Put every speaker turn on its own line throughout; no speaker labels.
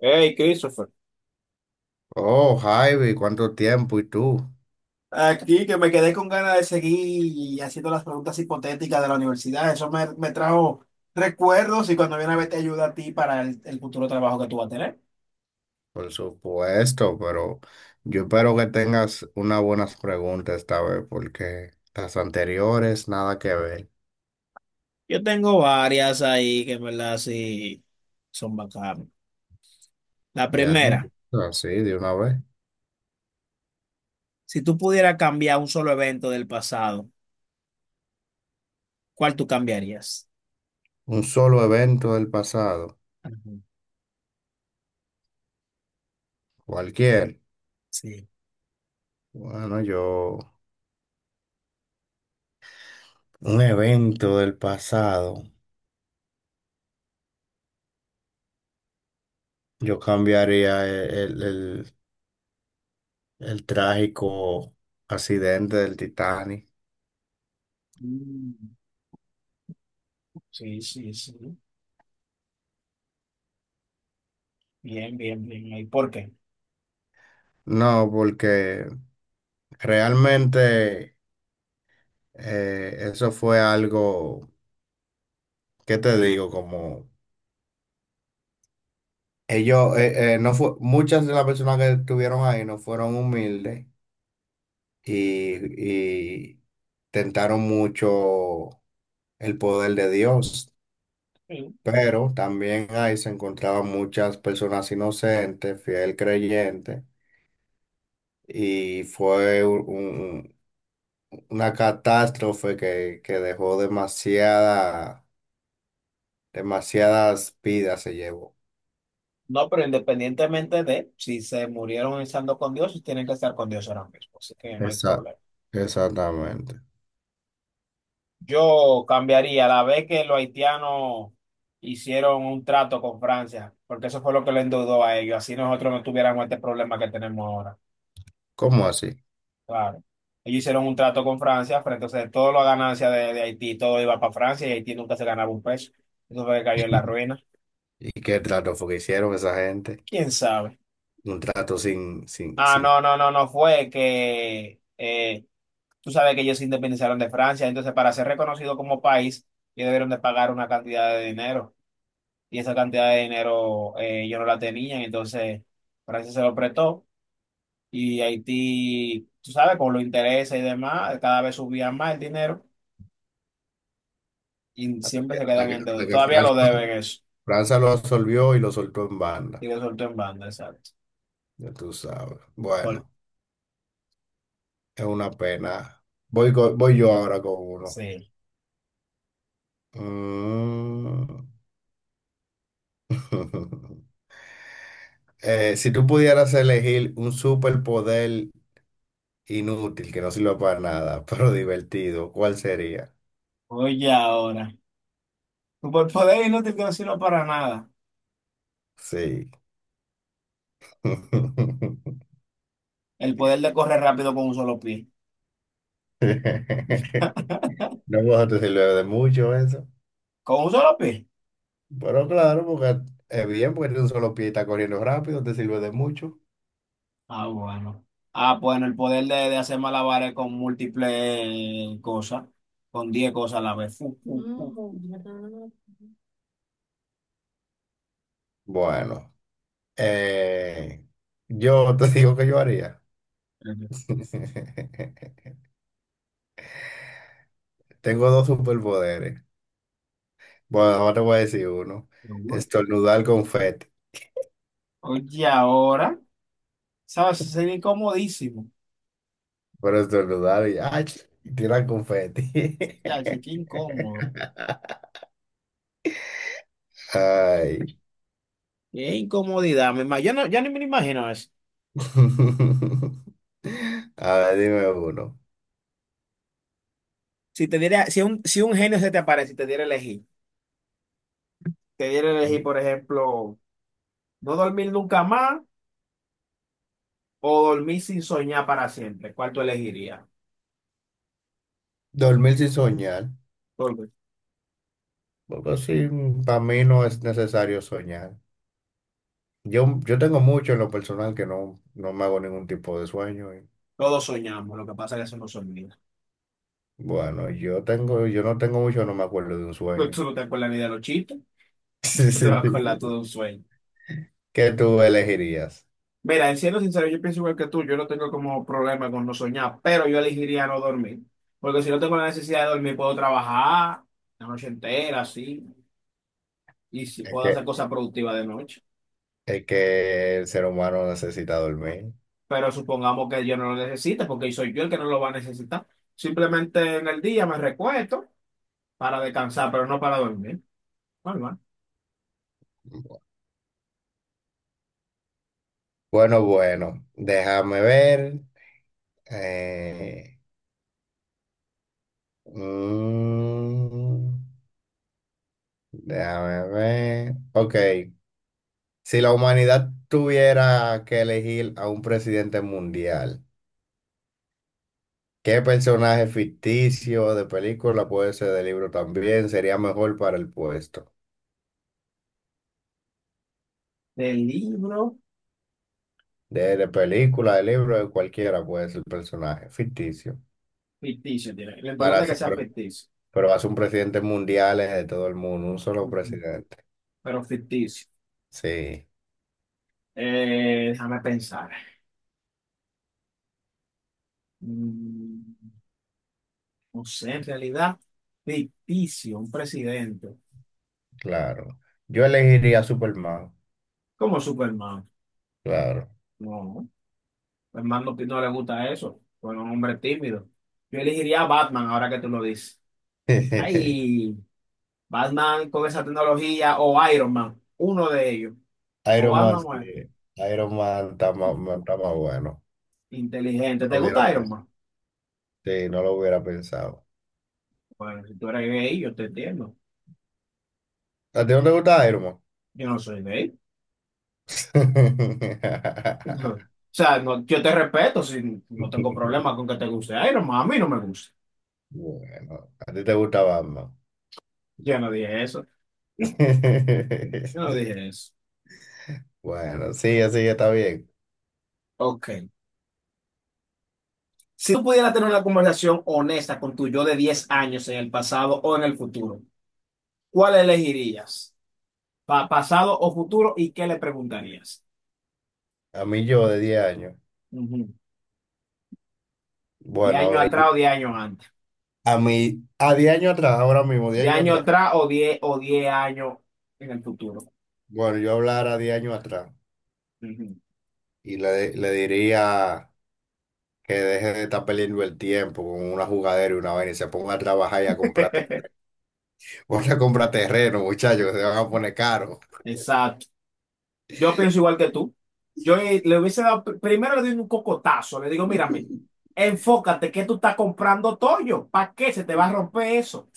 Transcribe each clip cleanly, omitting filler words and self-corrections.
Hey, Christopher.
Oh, Javi, ¿cuánto tiempo? ¿Y tú?
Aquí que me quedé con ganas de seguir haciendo las preguntas hipotéticas de la universidad. Eso me trajo recuerdos y cuando viene a ver te ayuda a ti para el futuro trabajo que tú vas a tener.
Por supuesto, pero yo espero que tengas unas buenas preguntas esta vez, porque las anteriores nada que ver.
Yo tengo varias ahí que en verdad sí son bacanas. La
De
primera,
ahí, así, de una vez.
si tú pudieras cambiar un solo evento del pasado, ¿cuál tú cambiarías?
Un solo evento del pasado,
Ajá.
cualquier.
Sí.
Bueno, yo, un evento del pasado, yo cambiaría el trágico accidente del Titanic.
Mm, sí, sí, sí. Bien, bien, bien. ¿Y por qué?
No, porque realmente, eso fue algo. ¿Qué te digo? Como ellos, no fue, muchas de las personas que estuvieron ahí no fueron humildes y tentaron mucho el poder de Dios, pero también ahí se encontraban muchas personas inocentes, fiel creyentes, y fue una catástrofe que dejó demasiadas vidas se llevó.
No, pero independientemente de si se murieron estando con Dios, tienen que estar con Dios ahora mismo, así que no hay
Esa...
problema.
Exactamente.
Yo cambiaría la vez que los haitianos hicieron un trato con Francia, porque eso fue lo que le endeudó a ellos, así nosotros no tuviéramos este problema que tenemos ahora.
¿Cómo así?
Claro. Ellos hicieron un trato con Francia, pero entonces toda la ganancia de Haití, todo iba para Francia y Haití nunca se ganaba un peso. Eso fue que cayó en la ruina.
¿Y qué trato fue que hicieron esa gente?
¿Quién sabe?
Un trato sin, sin,
Ah,
sin,
no, no, no, no fue que... tú sabes que ellos se independizaron de Francia, entonces para ser reconocido como país, ellos debieron de pagar una cantidad de dinero. Y esa cantidad de dinero ellos no la tenían, entonces Francia se lo prestó. Y Haití, tú sabes, con los intereses y demás, cada vez subían más el dinero y
hasta
siempre
que,
se
hasta
quedan
que-
en
hasta
deuda.
que
Todavía lo
Francia,
deben eso.
Francia lo absolvió y lo soltó en
Y
banda.
lo soltó en banda, exacto.
Ya tú sabes.
Por-
Bueno, es una pena. Voy yo ahora con uno.
sí.
Mm. Si tú pudieras elegir un superpoder inútil que no sirva para nada, pero divertido, ¿cuál sería?
Oye, ahora, tu poder inútil que no sirve para nada.
Sí.
El poder de correr rápido con un solo pie.
No, pues te sirve de mucho eso.
¿Con un solo pie?
Pero claro, porque es bien, porque tiene un solo pie y está corriendo rápido, te sirve de mucho.
Ah, bueno. Ah, bueno, el poder de hacer malabares con múltiples cosas, con 10 cosas a la vez. Fu, fu, fu.
Bueno, eh, yo te digo que yo haría. Tengo dos superpoderes. Bueno, ahora te voy a decir uno.
Seguro.
Estornudar confeti.
Oye, ahora, ¿sabes? Sería incomodísimo.
Pero estornudar y, ¡ay!, y tirar confeti.
Ya, che, qué incómodo.
Ay.
Qué incomodidad, mi hermano. Yo no, ya ni me lo imagino eso.
A ver, dime uno.
Si te diera, si un genio se te aparece y te diera a elegir, te diera a elegir, por ejemplo, no dormir nunca más o dormir sin soñar para siempre, ¿cuál tú elegirías?
Dormir sin soñar.
Todo-
Porque así, para mí no es necesario soñar. Yo tengo mucho en lo personal que no, no me hago ningún tipo de sueño. Y
Todos soñamos, lo que pasa es que eso no soñamos.
bueno, yo tengo, yo no tengo mucho, no me acuerdo de un
Pero
sueño.
tú no te vas con la vida lochita,
Sí,
tú te
sí,
vas con la
sí.
todo un sueño.
¿Qué tú elegirías?
Mira, en siendo sincero, yo pienso igual que tú, yo no tengo como problema con no soñar, pero yo elegiría no dormir. Porque si no tengo la necesidad de dormir, puedo trabajar la noche entera, así, y si
Es
puedo
que,
hacer cosas productivas de noche.
es que el ser humano necesita dormir.
Pero supongamos que yo no lo necesite, porque soy yo el que no lo va a necesitar. Simplemente en el día me recuesto para descansar, pero no para dormir. Normal.
Bueno, bueno, déjame ver. eh, mm, Déjame ver. Ok. Si la humanidad tuviera que elegir a un presidente mundial, ¿qué personaje ficticio de película, puede ser de libro también, sería mejor para el puesto?
De libro
De película, de libro, de cualquiera puede ser el personaje ficticio.
ficticio, tiene. Lo
Para
importante es que
hacer,
sea
pero,
ficticio.
pero vas a un presidente mundial, es de todo el mundo, un solo
Ujú.
presidente.
Pero ficticio.
Sí,
Déjame pensar. Mm, no sé, en realidad, ficticio, un presidente.
claro. Yo elegiría a Superman,
Como Superman.
claro.
No, Superman no, no le gusta eso. Fue un hombre tímido. Yo elegiría a Batman ahora que tú lo dices. Ay, Batman con esa tecnología o Iron Man, uno de ellos. O
Iron Man,
Batman o Iron-
sí. Iron Man está más bueno.
inteligente. ¿Te
Hubiera
gusta Iron Man?
sí, no lo hubiera pensado.
Bueno, si tú eres gay, yo te entiendo.
¿A ti no te gusta Iron Man?
Yo no soy gay. O sea, yo te respeto, si no tengo problema con que te guste Iron Man, a mí no me gusta.
Bueno, a ti te gusta Batman.
Yo no dije eso, yo no dije eso.
Bueno, sí, así está bien.
Ok. Si tú pudieras tener una conversación honesta con tu yo de 10 años en el pasado o en el futuro, ¿cuál elegirías? ¿Pasado o futuro? ¿Y qué le preguntarías?
A mí yo de 10 años.
Ujú. ¿De año
Bueno,
atrás o 10 años antes?
a 10 años atrás, ahora mismo, 10
¿De
años
año
atrás.
atrás o 10 o 10 años en el futuro?
Bueno, yo hablara 10 años atrás
Ujú.
y le diría que deje de estar perdiendo el tiempo con una jugadera y una vaina, y se ponga a trabajar y a comprar, te- ponte a comprar terreno, muchachos, que se van a poner caros.
Exacto. Yo pienso igual que tú. Yo le hubiese dado, primero le doy un cocotazo, le digo, mírame, enfócate que tú estás comprando toyo, ¿para qué se te va a romper eso?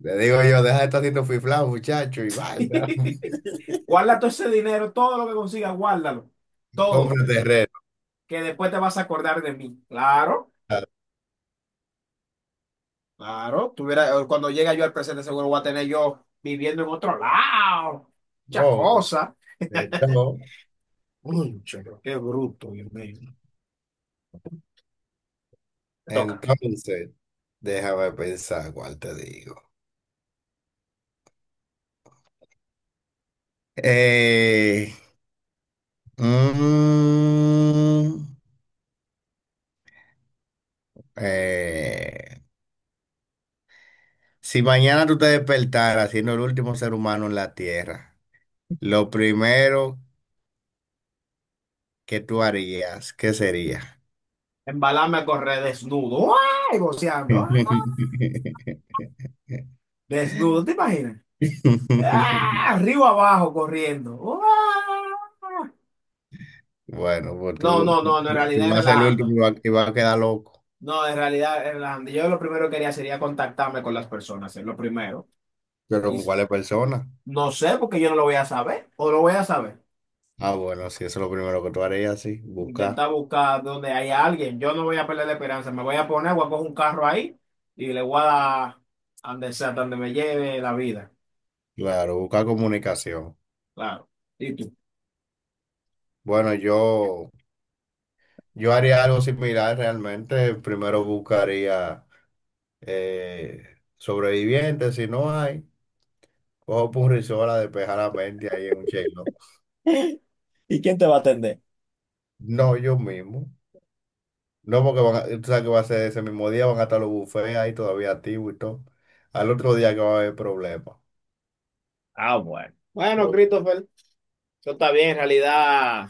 Le digo yo, deja de estar haciendo fiflado, muchacho, y vaya.
Guarda todo ese dinero, todo lo que consigas, guárdalo. Todo,
Compra terreno.
que después te vas a acordar de mí. Claro, claro, tuviera, cuando llegue yo al presente seguro voy a tener yo viviendo en otro lado, muchas
Oh,
cosas.
entonces,
Concho, pero qué bruto, Dios mío. Te toca.
entonces, déjame pensar cuál te digo. Eh, mm, eh, si mañana tú te despertaras siendo el último ser humano en la Tierra, lo primero que tú harías, ¿qué sería?
Embalarme a correr desnudo, ¡ay! Goceando, ¡ah! Desnudo, ¿te imaginas? ¡Ah! Arriba abajo corriendo. ¡Ah!
Bueno, pues
No,
tú,
no, no, no, en realidad
tú
es
vas a ser el último,
relajando.
y y vas a quedar loco.
No, en realidad, Hernán, yo lo primero que haría sería contactarme con las personas, es lo primero.
Pero
Y
¿con
s-
cuáles personas?
no sé, porque yo no lo voy a saber, o lo voy a saber.
Ah, bueno, sí, eso es lo primero que tú harías, sí, buscar.
Intentar buscar donde hay alguien. Yo no voy a perder la esperanza, me voy a poner, voy a coger un carro ahí y le voy a dar a donde sea, hasta donde me lleve la vida.
Claro, buscar comunicación.
Claro. ¿Y tú?
Bueno, yo haría algo similar realmente. Primero buscaría eh, sobrevivientes; si no hay, cojo punrisola, despejar la mente ahí en un chelo.
¿Y quién te va a atender?
No, yo mismo. No, porque tú sabes que va a ser ese mismo día, van a estar los bufés ahí todavía activos y todo. Al otro día que va a haber problemas.
Ah, bueno. Bueno, Christopher. Eso está bien, en realidad.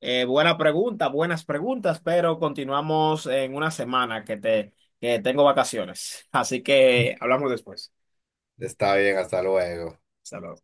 Eh, buena pregunta, buenas preguntas, pero continuamos en una semana que te, que tengo vacaciones. Así que hablamos después.
Está bien, hasta luego.
Hasta luego.